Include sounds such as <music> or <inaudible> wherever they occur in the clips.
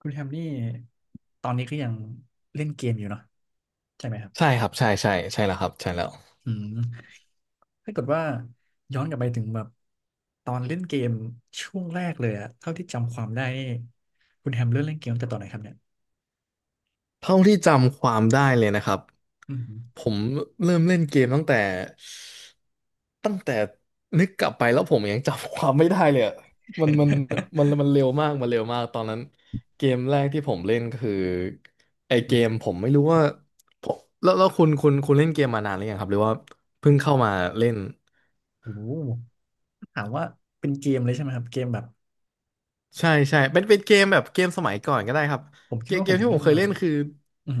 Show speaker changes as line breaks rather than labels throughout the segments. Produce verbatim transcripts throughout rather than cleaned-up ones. คุณแฮมนี่ตอนนี้ก็ยังเล่นเกมอยู่เนาะใช่ไหมครับ
ใช่ครับใช่ใช่ใช่แล้วครับใช่แล้ว
อืมถ้าเกิดว่าย้อนกลับไปถึงแบบตอนเล่นเกมช่วงแรกเลยอะเท่าที่จำความได้นี่คุณแฮมเริ่มเล่นเกมตั้งแต่ตอนไหนครับเนี่ย
เท่าที่จำความได้เลยนะครับ
อืม
ผมเริ่มเล่นเกมตั้งแต่ตั้งแต่นึกกลับไปแล้วผมยังจำความไม่ได้เลยอะมันมันมันมันเร็วมากมันเร็วมากตอนนั้นเกมแรกที่ผมเล่นก็คือไอเกมผ
<laughs>
มไม่รู้ว่าผมแล้วแล้วคุณคุณคุณเล่นเกมมานานหรือยังครับหรือว่าเพิ่งเข้ามาเล่น
โอ้โหถามว่าเป็นเกมเลยใช่ไหมครับเกมแบบ
ใช่ใช่เป็นเป็นเกมแบบเกมสมัยก่อนก็ได้ครับ
ผมคิ
เก
ด
ม
ว่า
เก
ผ
ม
ม
ที่ผ
เล่
ม
น
เคย
มา
เล่นคือ
อืม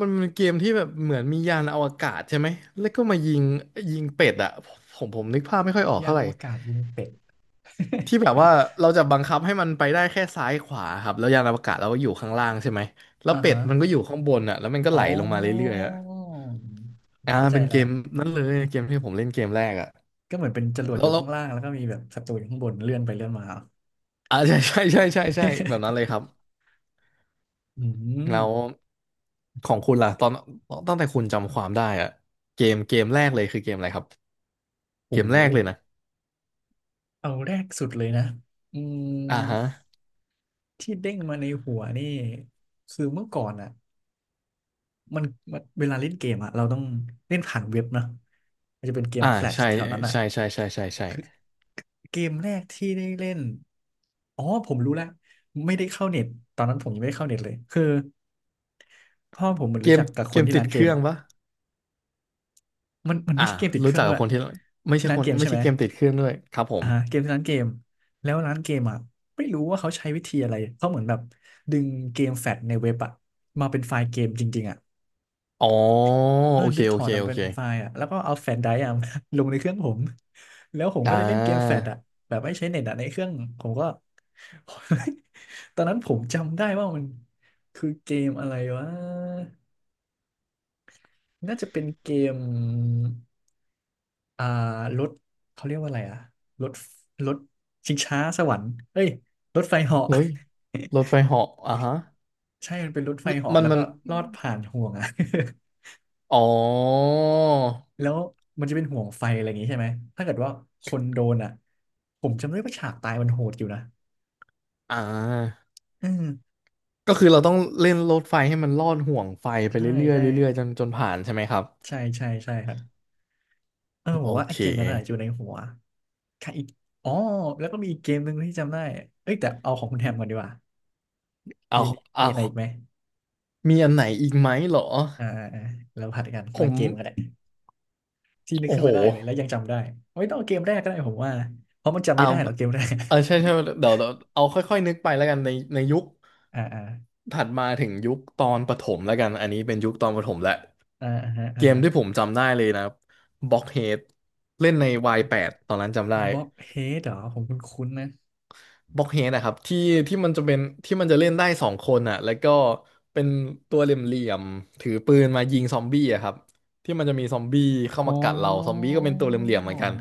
มันเป็นเกมที่แบบเหมือนมียานอวกาศใช่ไหม แล้วก็มายิงยิงเป็ดอะผมผมนึกภาพไม่ค่อยออก
ยาน
เท่าไห
อ
ร่
วกาศยิงเป็ด
ที่แบบว่าเราจะบังคับให้มันไปได้แค่ซ้ายขวาครับแล้วยานอวกาศเราก็อยู่ข้างล่างใช่ไหม
<laughs>
แล้ว
อ่า
เป็
ฮะ
ดมันก็อยู่ข้างบนอะแล้วมันก็ไหล
อ๋อ
ลงมาเรื่อยๆอะ
ผม
อ่า
เข้าใจ
เป็นเก
แล้ว
มนั้นเลยเกมที่ผมเล่นเกมแรกอะ
ก็เหมือนเป็นจรวด
แล้ว
อยู่
แล้
ข้า
ว
งล่างแล้วก็มีแบบศัตรูอยู่ข้างบนเลื่อนไปเลื่อนมา
อ่าใช่ใช่ใช่ใช่ใช่แบบนั้นเลย
<laughs>
ครับ
อื
แล้ว
ม
ของคุณล่ะตอนตั้งแต่คุณจำความได้อะเกมเกมแรกเลยคือเกมอะไรครับ
โ
เกมแรกเลย
ห
นะ
เอาแรกสุดเลยนะอืม
อ่าฮะ
ที่เด้งมาในหัวนี่คือเมื่อก่อนอ่ะมันมันเวลาเล่นเกมอ่ะเราต้องเล่นผ่านเว็บเนอะมันจะเป็นเกม
อ่า
แฟลช
ใช่
แถวนั้นอ่ะ
ใช่ใช่ใช่ใช่ใช่
คือเกมแรกที่ได้เล่นอ๋อผมรู้แล้ว ไม่ได้เข้าเน็ตตอนนั้นผมยังไม่ได้เข้าเน็ตเลยคือพ่อผมเหมือน
เก
รู้
ม
จักกับค
เก
น
ม
ที่
ติ
ร้า
ด
นเก
เค
ม
รื่องปะ
มันมันไม่
อ่า
ใช่เกมติดเค
รู้
รื่อ
จั
ง
ก
ด้
กั
ว
บ
ย
คนที่ไม่
ที่
ใช่
ร้า
ค
น
น
เกม
ไม่
ใช่ไห
ใช่
ม
เกมติดเครื่องด้วยครับผ
อ่า
ม
เกมคือร้านเกมแล้วร้านเกมอ่ะไม่รู้ว่าเขาใช้วิธีอะไรเขาเหมือนแบบดึงเกมแฟตในเว็บอ่ะมาเป็นไฟล์เกมจริงๆอ่ะ
อ๋อ
เออ
โอเค
ดึงถ
โอ
อด
เค
มัน
โอ
เป็น
เค
ไฟล์อ่ะแล้วก็เอาแฟตไดรฟ์อ่ะ <laughs> ลงในเครื่องผมแล้วผม
อ่
ก็ได้เล่นเกมแฟ
า
ตอ่ะแบบไม่ใช้เน็ตอ่ะในเครื่องผมก็ <laughs> ตอนนั้นผมจำได้ว่ามันคือเกมอะไรวะน่าจะเป็นเกม อ่ารถเขาเรียกว่าอะไรอะรถรถชิงช้าสวรรค์เอ้ยรถไฟเหาะ <laughs>
รถรถไฟเหาะอ่าฮะ
ใช่มันเป็นรถไฟเหาะ
มัน
แล้ว
มั
ก็
น
ลอดผ่านห่วงอะ
อ๋อ
<laughs> แล้วมันจะเป็นห่วงไฟอะไรอย่างงี้ใช่ไหมถ้าเกิดว่าคนโดนอะผมจำได้ว่าฉากตายมันโหดอยู่นะ
อ่า
อืม
ก็คือเราต้องเล่นรถไฟให้มันลอดห่วงไฟไป
ใช่
เรื่อ
ใช่
ยๆเรื่อยๆจนจนผ่านใช่ไหมครับ
ใช่ใช่ใช่ครับเออผ
โอ
มว่าไอ้
เค
เกมนั้นอะอยู่ในหัวค่ะอีกอ๋อแล้วก็มีอีกเกมหนึ่งที่จำได้เอ้ยแต่เอาของคุณแฮมก่อนดีกว่า
เอา
มี
เอา
มีอะไรอีกไหม
มีอันไหนอีกไหมเหรอ
อ่าอ่าอ่าแล้วผัดกัน
ผ
ละ
ม
เกมกันแหละ ที่นึก
โอ้
ขึ้น
โห
มาได้เลยแล้วยังจำได้ไม่ต้องเอาเกมแรกก็ได้ผมว่าเพราะมันจำไม่
เอา
ได้หรอกเกมแรก
เออใช่ใช่เดี๋ยวเดี๋ยวเอาค่อยๆนึกไปแล้วกันในในยุค
<laughs> อ่าอ่า
ถัดมาถึงยุคตอนประถมแล้วกันอันนี้เป็นยุคตอนประถมแหละ
อ่าฮะ
เก
อ่า
มที่ผมจำได้เลยนะบล็อกเฮดเล่นใน วาย แปด ตอนนั้นจำได้
บล็อกเฮดเหรอผมคุ้นๆนะ
บล็อกเฮดนะครับที่ที่มันจะเป็นที่มันจะเล่นได้สองคนอ่ะแล้วก็เป็นตัวเหลี่ยมๆถือปืนมายิงซอมบี้อะครับที่มันจะมีซอมบี้เข้า
อ๋อ
มากัดเราซอมบี้ก็เป็นตัวเหลี่ยมๆเหมือนกัน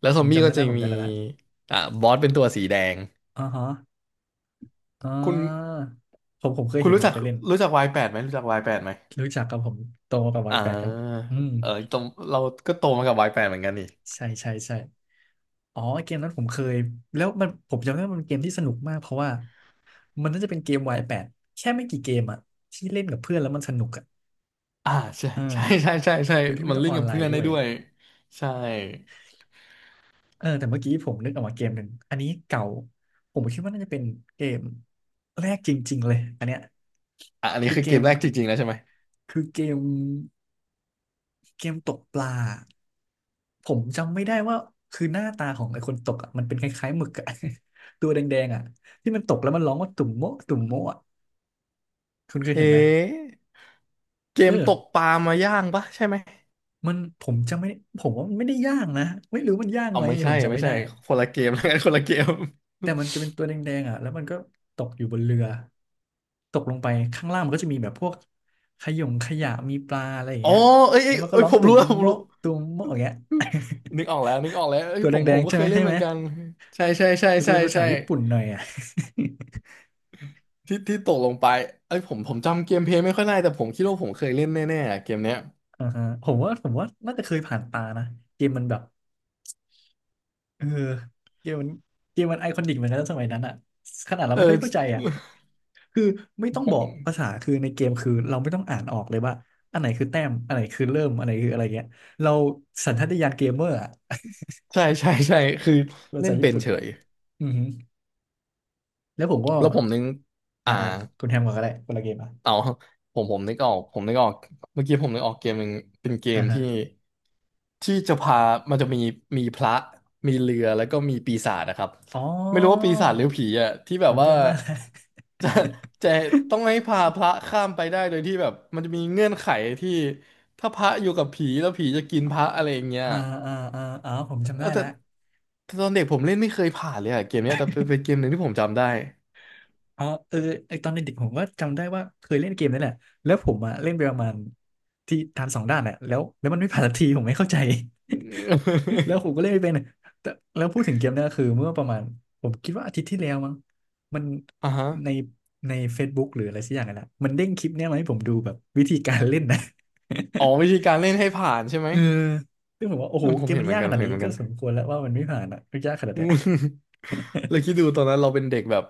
แล้วซ
ผ
อม
ม
บี้
จำได้
ก็จะ
แล้วผม
มี
จำได้ละ
อ่าบอสเป็นตัวสีแดง
อ๋อฮะอ่
คุณ
าผมผมเคย
คุณ
เห็น
รู้
ผม
จัก
เคยเล่น
รู้จักวายแปดไหมรู้จักวายแปดไหม
รู้จักกับผมโตมากับวัย
อ่า
แปดครับอืม
เออตรงเราก็โตมากับวายแปดเหมือนกันนี่
ใช่ใช่ใช่อ๋อเกมนั้นผมเคยแล้วมันผมจำได้ว่ามันเป็นเกมที่สนุกมากเพราะว่ามันน่าจะเป็นเกม y ดแค่ไม่กี่เกมอะที่เล่นกับเพื่อนแล้วมันสนุกอะ
อ่าใช่
เออ
ใช่ใช่ใช่ใช่
โดยที่ไม่
มัน
ต้อง
ลิ
อ
ง
อ
ก์
น
กับ
ไล
เพื่อ
น์
น
ด้
ได้
วย
ด้วยใช่
เออแต่เมื่อกี้ผมนึกออกมาเกมหนึ่งอันนี้เก่าผมคิดว่าน่าจะเป็นเกมแรกจริงๆเลยอันเนี้ย
อ่ะอันนี้
คือ
คือ
เก
เกม
ม
แรกจริงๆแล้วใช่ไหม
คือเกมเกมตกปลาผมจำไม่ได้ว่าคือหน้าตาของไอ้คนตกอ่ะมันเป็นคล้ายๆหมึกอ่ะ <laughs> ตัวแดงๆอ่ะที่มันตกแล้วมันร้องว่าตุ่มโมะตุ่มโมะอะคุณเคย
เอ๊
เห็นไหม
ะเก
เอ
มตก
อ
ปลามาย่างปะใช่ไหม
มันผมจำไม่ผมว่ามันไม่ได้ย่างนะไม่รู้มันย่าง
เอา
ไหม
ไม่
ผ
ใช่
มจำ
ไม่
ไม่ได้
ใช่คนละเกมแล้วกันคนละเกม
แต่มันจะเป็นตัวแดงๆอ่ะแล้วมันก็ตกอยู่บนเรือตกลงไปข้างล่างมันก็จะมีแบบพวกขยงขยะมีปลาอะไรอย่าง
อ๋อ
เงี้ย
เอ้ยเอ้
แล้
ย
วมันก็
เอ้ย
ร้อง
ผม
ตุ่
รู้
ม
แล้วผมรู้
โมะตุ่มโมะอย่างเงี้ย
นึกออกแล้วนึกออกแล้ว
<laughs>
เอ้
ตั
ย
ว
ผม
แด
ผม
งๆ
ก็
ใช่
เค
ไหม
ยเล่
ใช่
นเห
ไห
มื
ม
อนกันใช่ใช่ใช่
มันจะ
ใช่
เป็นภาษา
ใช่
ญี่ปุ่นหน่อยอ่ะ
ที่ที่ตกลงไปเอ้ยผมผมจำเกมเพลย์ไม่ค่อยได้แต่ผมคิดว่าผมเคยเล่นแน่ๆอะเกมเนี้ย
<laughs> อ่าฮะผมว่าผมว่าน่าจะเคยผ่านตานะเกมมันแบบ เออเกมมันเกมมันไอคอนิกเหมือนกันนะสมัยนั้นอ่ะขนาดเรา
เอ
ไม่
อ
ค่อยเข้าใจอ่ะคือไม่ต้อง
ผ
บอก
ม
ภาษาคือในเกมคือเราไม่ต้องอ่านออกเลยว่าอันไหนคือแต้มอันไหนคือเริ่มอันไหนคืออะไรเงี้ยเราสัญชาตญาณเกมเมอร์อ่ะ
ใช่ใช่ใช่คือ
<laughs> ภา
เล่
ษา
น
ญี่
เป็น
ปุ่น
เฉ
อ่ะ
ย
อือฮึแล้วผมก็
แล้วผมนึง
อ่า
อ่า
อ่าคุณแฮมก่อนก็ได้คนละเกมอ่ะ
เอาผมผมนึกออกผมนึกออกเมื่อกี้ผมนึกออกเกมหนึ่งเป็นเกม
อ่าฮะ
ที่ที่จะพามันจะมีมีพระมีเรือแล้วก็มีปีศาจนะครับ
อ๋อ
ไม่รู้ว่าปีศาจหรือผีอ่ะที่แบ
ผ
บ
ม
ว่า
จำได้แล้ว
จะจะต้องให้พาพระข้ามไปได้โดยที่แบบมันจะมีเงื่อนไขที่ถ้าพระอยู่กับผีแล้วผีจะกินพระอะไรอย่างเงี้ย
อ่าอ่าอ่าอ๋อผมจำ
เอ
ได้
อแต่
แล้ว
แต่ตอนเด็กผมเล่นไม่เคยผ่านเลยอ่ะเกมเนี้ยแต่เป็นเป็นเกมหนึ่งที่ผมจำได้
อ๋อเออไอตอนเด็กๆผมก็จำได้ว่าเคยเล่นเกมนั่นแหละแล้วผมอ่ะเล่นไปประมาณที่ทานสองด้านแหละแล้วแล้วมันไม่ผ่านสักทีผมไม่เข้าใจ <laughs> แล้วผมก็เล่นไม่เป็นแต่แล้วพูดถึงเกมเนี้คือเมื่อประมาณผมคิดว่าอาทิตย์ที่แล้วมั้งมัน
<laughs> อ่าฮะ
ในใน Facebook หรืออะไรสักอย่างนั่นแหละมันเด้งคลิปเนี้ยมาให้ผมดูแบบวิธีการเล่นนะ
อ๋อวิธีการเล่นให้ผ่านใช่ไหม
<laughs> เออซึ่งผมว่าโอ้
เอ
โห
อผ
เก
ม
ม
เห็น
มัน
เหมือ
ยา
น
ก
กัน
ข
ผ
นา
ม
ด
เห็
นี้
นเหมือน
ก็
กัน
สมควร
<laughs>
แล้วว่ามันไม่ผ่านอ่ะยากขนาด
อื
เนี้ย
มแลวคิดดูตอนนั้นเราเป็นเด็กแบบ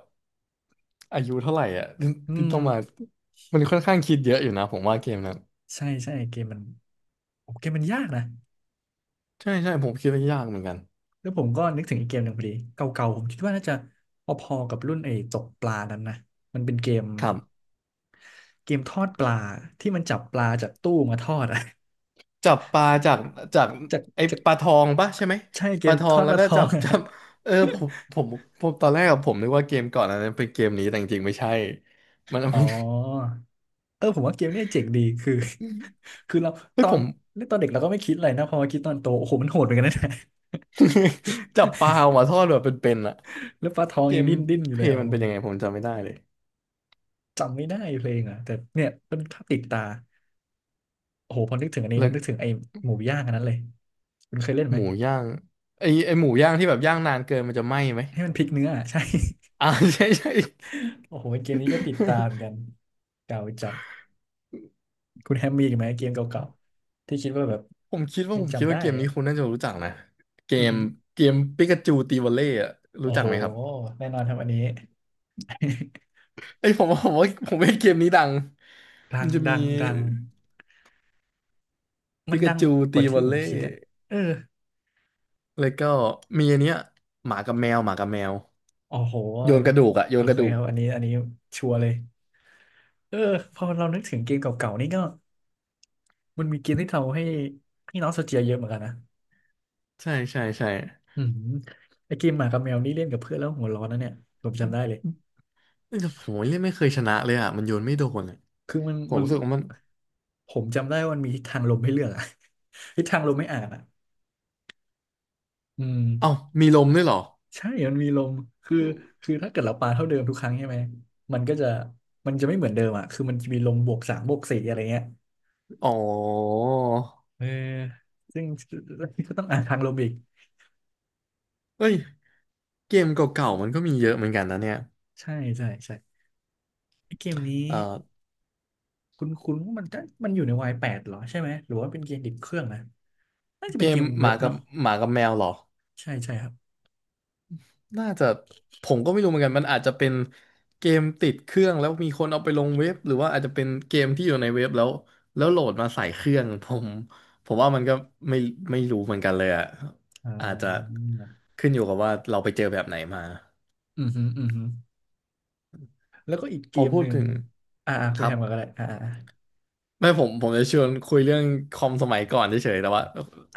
อายุเท่าไหร่อ่ะ <laughs> ที่
อื
ที่
ม
ต้องมามันค่อนข้างคิดเยอะอยู่นะผมว่าเกมนั้น
ใช่ใช่เกมมันโอ้เกมมันยากนะ
ใช่ใช่ผมคิดว่ายากเหมือนกัน
แล้วผมก็นึกถึงอีกเกมหนึ่งพอดีเก่าๆผมคิดว่าน่าจะพอๆกับรุ่นไอ้ตกปลานั้นนะมันเป็นเกม
ครับ
เกมทอดปลาที่มันจับปลาจากตู้มาทอดอะ
จับปลาจากจาก
<laughs> จาก
ไอ้
จาก
ปลาทองปะใช่ไหม
ใช่เก
ป
ม
ลาทอ
ท
ง
อดป
แล้ว
ลา
ก็
ทอ
จั
ง
บ
อะ
จับ
<laughs>
เออผมผมผมตอนแรกอะผมนึกว่าเกมก่อนอันนั้นเป็นเกมนี้แต่จริงๆไม่ใช่มัน
อ๋อ
มัน
เออผมว่าเกมเนี้ยเจ๋งดีคือ
<laughs> อืม
คือเรา
เฮ้
ต
ย
อ
ผ
น
ม
เล่นตอนเด็กเราก็ไม่คิดอะไรนะพอมาคิดตอนโตโอ้โหมันโหดเหมือนกันนะ
<laughs> จับปลาออกมาทอดแบบเป็นๆอะ
<laughs> แล้วปลาทอง
เก
ยัง
ม
ดิ้นดิ้นอยู่
เพ
เล
ล
ย
ย์
อ๋อ
มันเป็นยังไงผมจำไม่ได้เลย
จำไม่ได้เพลงอ่ะแต่เนี่ยเป็นภาพติดตาโอ้โหพอนึกถึงอันนี้
แล้
แล้ว
ว
นึกถึงไอ้หมูย่างอันนั้นเลยคุณเคยเล่นไหม
หมูย่างไอไอหมูย่างที่แบบย่างนานเกินมันจะไหม้ไหม
ให้มันพลิกเนื้ออะ <laughs> ใช่
อ่า <laughs> ใช่ใช่ <laughs>
โอ้โหเกมนี้ก็ติดตามเหมือนกันเก่าจัดคุณแฮมมีอีกไหมเกมเก่าๆที่คิดว่าแบบ
ผมคิดว่า
ยัง
ผมคิด
จำได้
ว่าเกม
อะ
นี้คุณน่าจะรู้จักนะเก
อือ
ม
ฮึ
เกมปิกาจูตีวอลเล่อะ
โอ้
รู้จัก
โห
ไหมครับ
แน่นอนครับอันนี้ <laughs>
ไอยผมว่าผมว่าผมว่าเกมนี้ดัง
ดั
มัน
ง
จะมี
ดังดังมั
ปิ
น
กา
ดัง
จู
ก
ตี
ว่า
ว
ที่
อล
ผม
เล่
คิดอะเออ
แล้วก็มีอันเนี้ยหมากับแมวหมากับแมว
โอ้โห
โยนกระดูกอะโย
โอ
นก
เค
ระดู
ค
ก
รับอันนี้อันนี้ชัวร์เลยเออพอเรานึกถึงเกมเก่าๆนี่ก็มันมีเกมที่ทำให้ให้น้องโซเจียเยอะเหมือนกันนะ
ใช่ใช่ใช่
อืมไอเกมหมากับแมวนี่เล่นกับเพื่อนแล้วหัวร้อนนะเนี่ยผมจำได้เลย
แต่ผมเล่นไม่เคยชนะเลยอะมันโยนไม่โดนอะ
คือมัน
ผม
มัน
รู้สึกว่ามัน
ผมจำได้ว่ามันมีทิศทางลมให้เลือกอะ <laughs> ทิศทางลมไม่อ่านอะอืม
เอ้ามีลมด้วยเหรอ
ใช่มันมีลมคือคือถ้าเกิดเราปาเท่าเดิมทุกครั้งใช่ไหม มันก็จะมันจะไม่เหมือนเดิมอะคือมันจะมีลมบวกสามบวกสี่อะไรเงี้ย
อ๋อ
เออซึ่ง <laughs> ก็ต้องอ่านทางลมอีก
เอ้ยเกมเก่าๆมันก็มีเยอะเหมือนกันนะเนี่ย
ใช่ใช่ใช่ไอเกมนี้
เอ่อ
คุณคุณมันก็มันอยู่ในวายแปดเหรอใช่ไหมหรือว่าเป็นเกมติดเครื่องนะน่าจะ
เก
เป็นเก
ม
ม
ห
เว็
มา
บ
กับ
เนาะ
หมากับแมวเหรอ
ใช่ใช่ครับ
น่าจะผมก็ไม่รู้เหมือนกันมันอาจจะเป็นเกมติดเครื่องแล้วมีคนเอาไปลงเว็บหรือว่าอาจจะเป็นเกมที่อยู่ในเว็บแล้วแล้วโหลดมาใส่เครื่อง ผมผมว่ามันก็ไม่ไม่รู้เหมือนกันเลยอะ
อ่
อาจจะ
า
ขึ้นอยู่กับว่าเราไปเจอแบบไหนมา
อือหืออือหือแล้วก็อีก
พ
เก
อ
ม
พู
ห
ด
นึ่ง
ถึง
อ่าอ่าคุ
ค
ณ
รั
แฮ
บ
มก่อนก็ได้อ่า
ไม่ผมผมจะชวนคุยเรื่องคอมสมัยก่อนเฉยๆแต่ว่าเ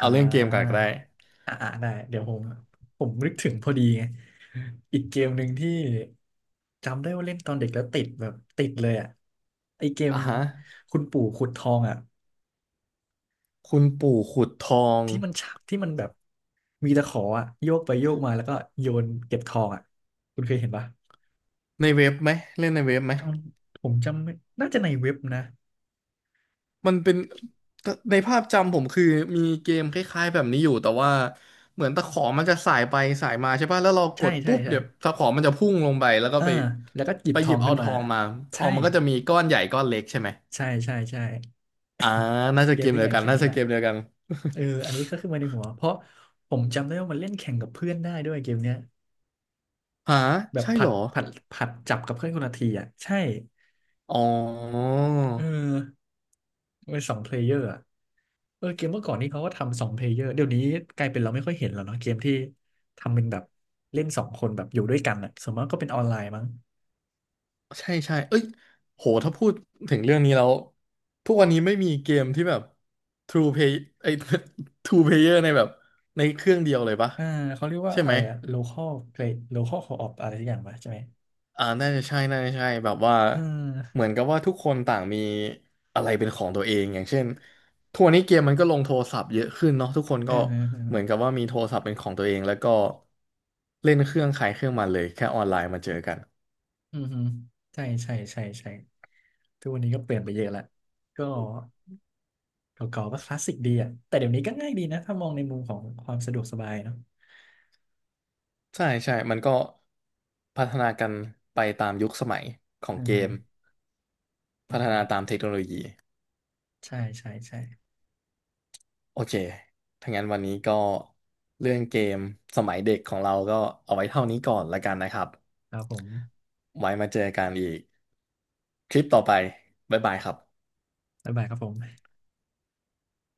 อ่
อาเรื่องเกมก่อนก็
า
ได้
อ่าอ่าได้เดี๋ยวผมผมนึกถึงพอดีไงอีกเกมหนึ่งที่จำได้ว่าเล่นตอนเด็กแล้วติดแบบติดเลยอ่ะไอเกม
อ่ะฮะ
คุณปู่ขุดทองอ่ะ
คุณปู่ขุดทอง
ที่มันฉะที่มันแบบมีตะขออ่ะโยกไปโยกมาแล้วก็โยนเก็บทองอ่ะคุณเคยเห็นปะ
ในเว็บไหมเล่นในเว็บไหม
จำผมจำไม่น่าจะในเว็บนะ
มันเป็นในภาพจำผมคือมีเกมคล้ายๆแบบนี้อยู่แต่ว่าเหมือนตะขอมันจะสายไปสายมาใช่ป่ะแล้วเราก
ใช่
ด
ใช่
ปุ๊บ
ใช่
เดี๋ยวตะขอมันจะพุ่งลงไปแล้วก็
เออ
ไป
แล้วก็หยิ
ไป
บท
ห
อ
ยิ
ง
บ
ขึ้
เอา
น
ท
มา
องมาทอ
ใช่
งมันก็จะมีก้อนใหญ่ก้อนเล็กใช่ไหม
ใช่ใช่ใช่
อ่าน่าจะ
เก
เก
ม
ม
นี้
เดี
แห
ยว
ละ
กั
เก
น
ม
น่า
นี้
จะ
แหละ
เกมเดียวกัน
เอออันนี้ก็ขึ้นมาในหัว เพราะผมจำได้ว่ามันเล่นแข่งกับเพื่อนได้ด้วยเกมเนี้ย
<laughs> หา
แบบ
ใช่
ผั
เหร
ด
อ
ผัดผัดจับกับเพื่อนคนละทีอ่ะใช่
อ๋อ
เออมันเป็นสองเพลเยอร์อ่ะเออเกมเมื่อก่อนนี่เขาก็ทำสองเพลเยอร์เดี๋ยวนี้กลายเป็นเราไม่ค่อยเห็นแล้วเนาะ เกมที่ทำเป็นแบบเล่นสองคนแบบอยู่ด้วยกันอ่ะสมมติก็เป็นออนไลน์มั้ง
ใช่ใช่เอ้ยโหถ้าพูดถึงเรื่องนี้แล้วทุกวันนี้ไม่มีเกมที่แบบ ทรู เพลย์ ไอ้ <laughs> ทู เพลเยอร์ ในแบบในเครื่องเดียวเลยปะ
อ่าเขาเรียกว่า
ใช่
อะ
ไหม
ไรอะ local play local co-op อะไรสักอย่างปะใช่ไหม
อ่าน่าจะใช่น่าจะใช่แบบว่า
เออ
เหมือนกับว่าทุกคนต่างมีอะไรเป็นของตัวเองอย่างเช่นทุกวันนี้เกมมันก็ลงโทรศัพท์เยอะขึ้นเนาะทุกคน
เออ
ก็
เออเออ
เหมือนกับว่ามีโทรศัพท์เป็นของตัวเองแล้วก็เล่นเครื่องใครเครื่องมันเลยแค่ออนไลน์มาเจอกัน
อืมอใช่ใช่ใช่ใช่ทุกวันนี้ก็เปลี่ยนไปเยอะละก็ เก่าๆก็คลาสสิกดีอ่ะแต่เดี๋ยวนี้ก็ง่ายดีนะถ้ามองในมุมของความสะดวกสบายเนาะ
ใช่ใช่มันก็พัฒนากันไปตามยุคสมัยของ
อือ
เก
ฮึ
ม
อื
พั
อ
ฒ
ฮึ
นาตามเทคโนโลยี
ใช่ใช่ใช่
โอเคถ้างั้นวันนี้ก็เรื่องเกมสมัยเด็กของเราก็เอาไว้เท่านี้ก่อนละกันนะครับ
ครับผม
ไว้มาเจอกันอีกคลิปต่อไปบ๊ายบายครับ
บ๊ายบายครับผม